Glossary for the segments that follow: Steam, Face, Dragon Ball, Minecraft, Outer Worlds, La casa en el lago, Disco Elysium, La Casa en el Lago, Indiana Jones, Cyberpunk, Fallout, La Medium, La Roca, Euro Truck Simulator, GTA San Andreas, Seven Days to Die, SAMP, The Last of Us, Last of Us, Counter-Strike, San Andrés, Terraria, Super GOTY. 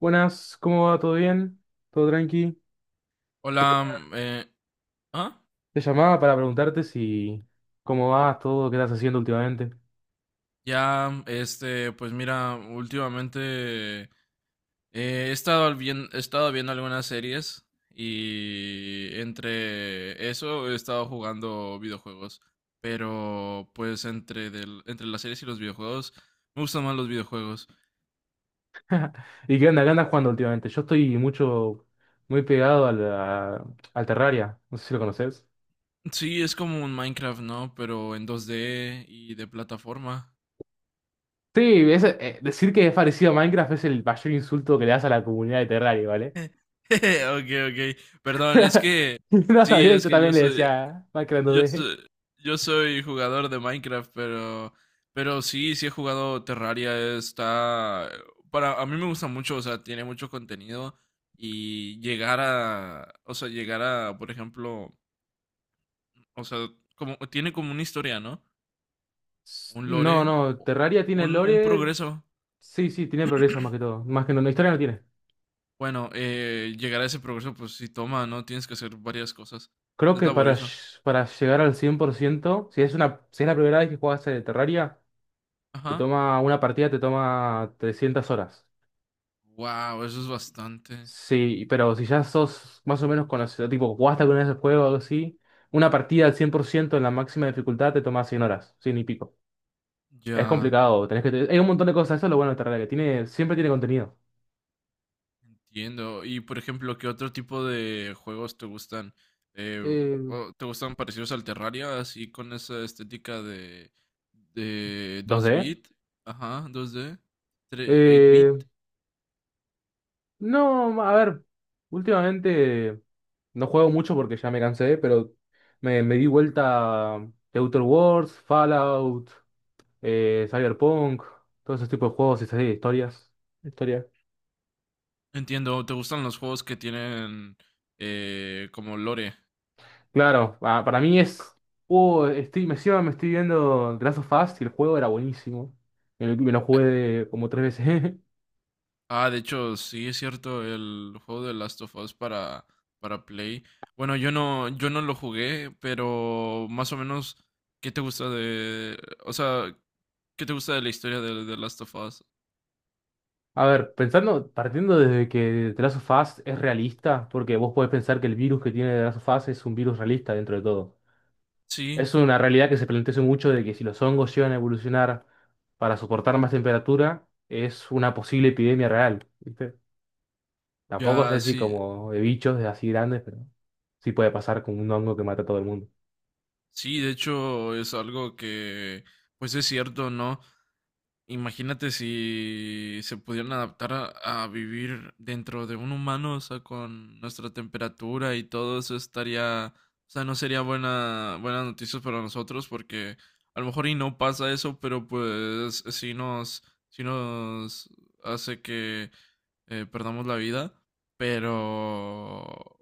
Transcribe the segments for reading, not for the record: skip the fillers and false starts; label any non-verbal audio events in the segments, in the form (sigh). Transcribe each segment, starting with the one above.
Buenas, ¿cómo va? ¿Todo bien? ¿Todo tranqui? Te, Hola, quería- ¿ah? Te llamaba para preguntarte si cómo vas, todo, qué estás haciendo últimamente. Ya, este, pues mira, últimamente he estado bien, he estado viendo algunas series y entre eso he estado jugando videojuegos, pero pues entre las series y los videojuegos me gustan más los videojuegos. (laughs) ¿Y qué onda? ¿Qué andas jugando últimamente? Yo estoy muy pegado al Terraria. No sé si lo conoces. Sí, es como un Minecraft, ¿no? Pero en 2D y de plataforma. Sí, decir que es parecido a Minecraft es el mayor insulto que le das a la comunidad de Terraria, ¿vale? (laughs) Ok, ok. Perdón, es (laughs) que No, está sí, bien, es yo que también le decía Minecraft Yo, 2D. soy yo soy jugador de Minecraft, pero sí he jugado Terraria. A mí me gusta mucho, o sea, tiene mucho contenido y llegar a, o sea, llegar a, por ejemplo, o sea, como tiene como una historia, ¿no? Un No, lore, o- no, o Terraria tiene un lore. progreso. Sí, sí, tiene progreso más que todo. Más que no, no, historia no tiene. Bueno, llegar a ese progreso, pues sí toma, ¿no? Tienes que hacer varias cosas. Creo Es que laborioso. Para llegar al 100% si si es la primera vez que juegas Terraria, te Ajá. toma una partida te toma 300 horas. Wow, eso es bastante. Sí, pero si ya sos más o menos conocido, tipo, jugaste alguna vez el juego o algo así, una partida al 100% en la máxima dificultad te toma 100 horas, 100 y pico. Es Ya. complicado, tenés que... Hay un montón de cosas, eso es lo bueno de Terraria, que tiene, siempre tiene contenido. Entiendo. Y por ejemplo, ¿qué otro tipo de juegos te gustan? Eh, Eh, ¿Te gustan parecidos al Terraria, así con esa estética de dos ¿2D? bit? Ajá, dos d, 8-bit. No, a ver, últimamente no juego mucho porque ya me cansé, pero me di vuelta de Outer Worlds, Fallout, Cyberpunk, todos esos tipos de juegos y esas historias. Historia. Entiendo. ¿Te gustan los juegos que tienen como lore? Claro, para mí es. Me encima me estoy viendo The Last of Us y el juego era buenísimo. Me lo jugué como tres veces. (laughs) Ah, de hecho, sí, es cierto, el juego de Last of Us para Play. Bueno, yo no lo jugué, pero más o menos, ¿qué te gusta de, o sea, qué te gusta de la historia de Last of Us? A ver, pensando, partiendo desde que The Last of Us es realista, porque vos podés pensar que el virus que tiene The Last of Us es un virus realista dentro de todo. Sí, Es una realidad que se plantea hace mucho de que si los hongos llegan a evolucionar para soportar más temperatura, es una posible epidemia real, ¿viste? Tampoco es ya, así sí, como de bichos de así grandes, pero sí puede pasar con un hongo que mata a todo el mundo. sí, de hecho, es algo que, pues es cierto, ¿no? Imagínate si se pudieran adaptar a vivir dentro de un humano, o sea, con nuestra temperatura y todo eso estaría, o sea, no sería buenas noticias para nosotros porque a lo mejor y no pasa eso, pero pues sí nos hace que perdamos la vida, pero,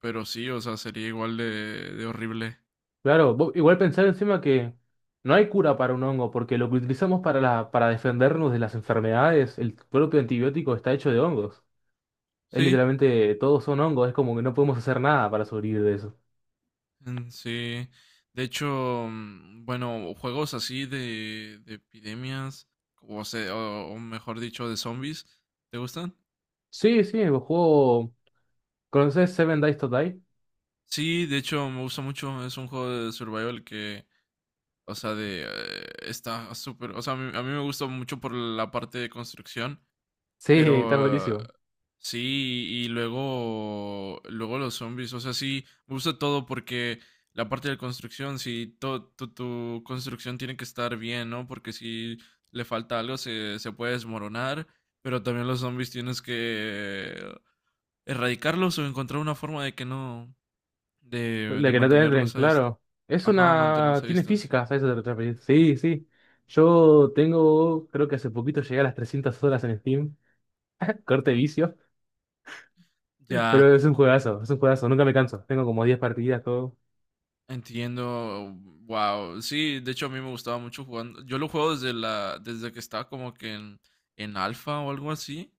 pero sí, o sea, sería igual de horrible. Claro, igual pensar encima que no hay cura para un hongo, porque lo que utilizamos para defendernos de las enfermedades, el propio antibiótico está hecho de hongos. Es Sí. literalmente, todos son hongos, es como que no podemos hacer nada para sobrevivir de eso. Mm, sí, de hecho, bueno, juegos así de epidemias, o mejor dicho, de zombies, ¿te gustan? Sí, sí, el juego... ¿Conoces Seven Days to Die? Sí, de hecho, me gusta mucho, es un juego de survival que, o sea, está súper, o sea, a mí me gusta mucho por la parte de construcción. Sí, está Pero buenísimo. sí, y luego, luego los zombies, o sea, sí, me gusta todo porque la parte de la construcción, si tu construcción tiene que estar bien, ¿no? Porque si le falta algo se puede desmoronar, pero también los zombies tienes que erradicarlos o encontrar una forma de que no, de, La de que no te entren, claro. Es ajá, mantenerlos una... a Tiene distancia. física, ¿sabes? Eso otra peli. Sí, sí. Yo tengo, creo que hace poquito llegué a las 300 horas en Steam. (laughs) Corte vicio. Ya. Pero es un juegazo, es un juegazo. Nunca me canso. Tengo como 10 partidas, todo. Entiendo, wow. Sí, de hecho a mí me gustaba mucho jugando. Yo lo juego desde que estaba como que en alfa o algo así.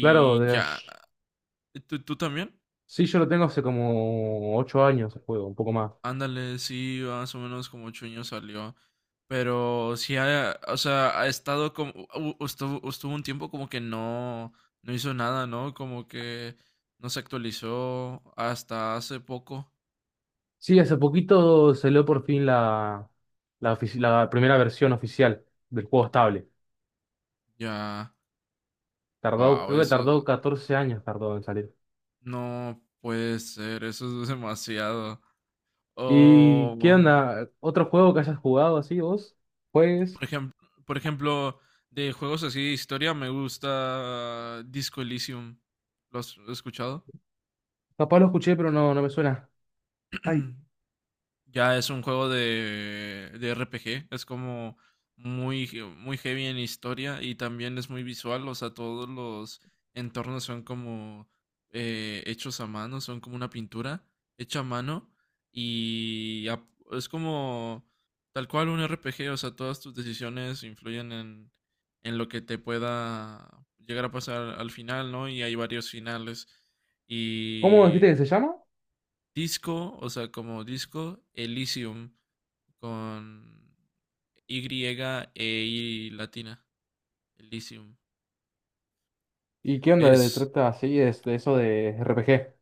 Claro, de... ya, ¿tú también? sí, yo lo tengo hace como 8 años el juego, un poco más. Ándale, sí, más o menos como 8 años salió. Pero sí, o sea, ha estado como, estuvo un tiempo como que no hizo nada, ¿no? Como que no se actualizó hasta hace poco. Sí, hace poquito salió por fin la la primera versión oficial del juego estable. Ya, Tardó, wow, creo que tardó eso 14 años tardó en salir. no puede ser, eso es demasiado. ¿Y O, qué onda? ¿Otro juego que hayas jugado así vos? Pues, por ejemplo, por ejemplo, de juegos así de historia, me gusta Disco Elysium. ¿Lo has escuchado? capaz lo escuché, pero no, no me suena. Ay, Mm. Ya es un juego de RPG. Es como muy heavy en historia y también es muy visual. O sea, todos los entornos son como hechos a mano, son como una pintura hecha a mano y es como tal cual un RPG. O sea, todas tus decisiones influyen en lo que te pueda llegar a pasar al final, ¿no? Y hay varios finales. ¿cómo dijiste Y que se llama? Disco, o sea, como Disco Elysium con Y e I latina, Elysium. ¿Y qué onda de Es, trata así es de eso de RPG?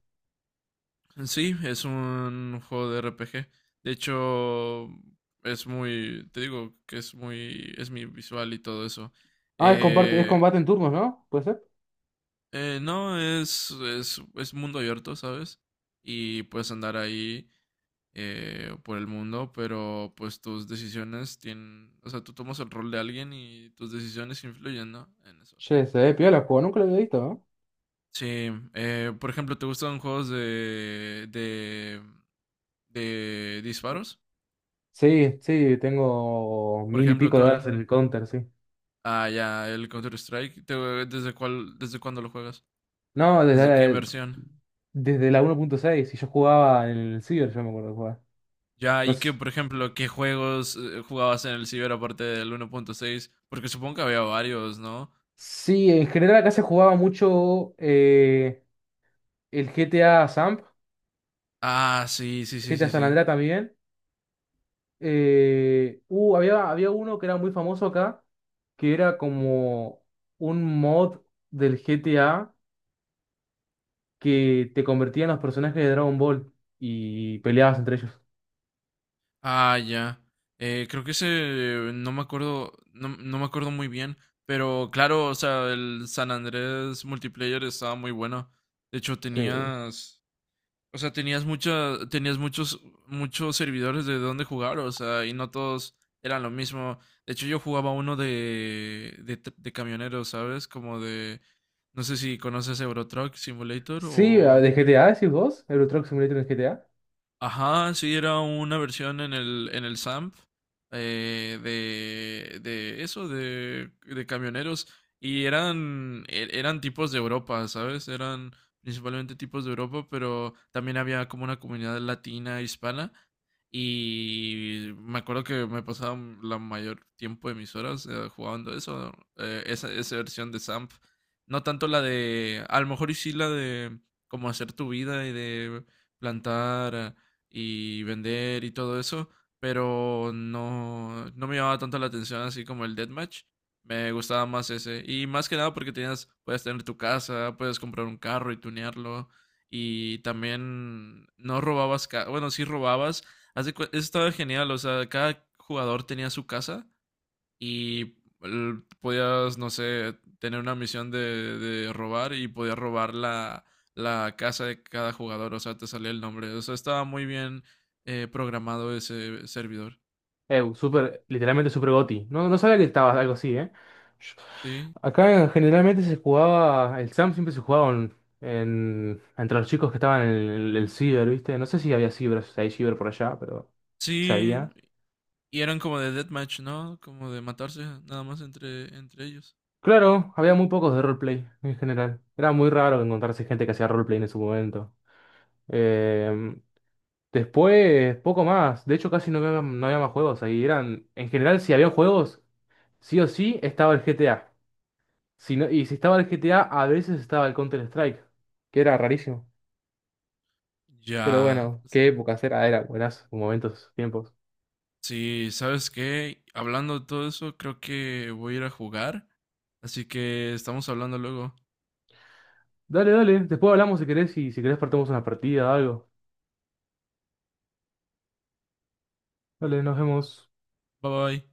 sí, es un juego de RPG. De hecho, es muy, te digo que es muy, es mi visual y todo eso. Ah, es comparte, es Eh, combate en turnos, ¿no? ¿Puede ser? No, es mundo abierto, ¿sabes? Y puedes andar ahí por el mundo, pero pues tus decisiones tienen, o sea, tú tomas el rol de alguien y tus decisiones influyen, ¿no? En eso. Che, se ve piola el juego, nunca lo había visto, ¿no? Sí, por ejemplo, ¿te gustan juegos de disparos? Sí, sí, tengo Por mil y ejemplo, pico de horas ¿cuál? en el Counter, sí. Ah, ya, el Counter-Strike. ¿Desde cuándo lo juegas? No, ¿Desde qué versión? desde la 1.6, y yo jugaba en el Ciber, yo me acuerdo de jugar. Ya, No y qué, sé. por ejemplo, ¿qué juegos jugabas en el Ciber aparte del 1.6? Porque supongo que había varios, ¿no? Sí, en general acá se jugaba mucho. El GTA Samp, Ah, sí, sí, sí, GTA sí, San sí. Andreas también. Había uno que era muy famoso acá, que era como un mod del GTA que te convertía en los personajes de Dragon Ball y peleabas entre ellos. Ah, ya. Creo que ese, no me acuerdo, no, no me acuerdo muy bien, pero claro, o sea, el San Andrés multiplayer estaba muy bueno. De hecho, Sí, tenías, o sea, tenías muchas, tenías muchos servidores de dónde jugar, o sea, y no todos eran lo mismo. De hecho, yo jugaba uno de de camioneros, ¿sabes? Como de, no sé si conoces Euro Truck Simulator sí, ah, o... de GTA, decís vos, Euro Truck Simulator en GTA. Ajá, sí, era una versión en el SAMP, de eso, de camioneros. Y eran tipos de Europa, ¿sabes? Eran principalmente tipos de Europa, pero también había como una comunidad latina, e hispana. Y me acuerdo que me pasaba la mayor tiempo de mis horas jugando eso, esa versión de SAMP. No tanto la de, a lo mejor y sí la de como hacer tu vida y de plantar y vender y todo eso, pero no, no me llamaba tanto la atención así como el Deathmatch. Me gustaba más ese. Y más que nada porque tenías, puedes tener tu casa, puedes comprar un carro y tunearlo. Y también no robabas, bueno, sí robabas. Eso estaba genial, o sea, cada jugador tenía su casa y podías, no sé, tener una misión de robar y podías robar la casa de cada jugador, o sea, te salía el nombre. O sea, estaba muy bien programado ese servidor. Super, literalmente Super GOTY. No, no sabía que estaba algo así, ¿eh? Sí, Acá generalmente se jugaba, el SAM siempre se jugaba entre los chicos que estaban en el ciber, ¿viste? No sé si había ciber, si hay ciber por allá, pero se sí, había. y eran como de deathmatch, ¿no? Como de matarse nada más entre ellos. Claro, había muy pocos de roleplay en general. Era muy raro encontrarse gente que hacía roleplay en su momento. Eh, Después, poco más. De hecho, casi no había, no había más juegos ahí. Eran, en general, si había juegos, sí o sí estaba el GTA. Si y si estaba el GTA, a veces estaba el Counter-Strike, que era rarísimo. Pero Ya, bueno, qué época era, era buenas momentos, tiempos. sí, ¿sabes qué? Hablando de todo eso, creo que voy a ir a jugar. Así que estamos hablando luego. Dale, dale, después hablamos si querés y si querés partamos una partida, o algo. Dale, nos vemos. Bye bye.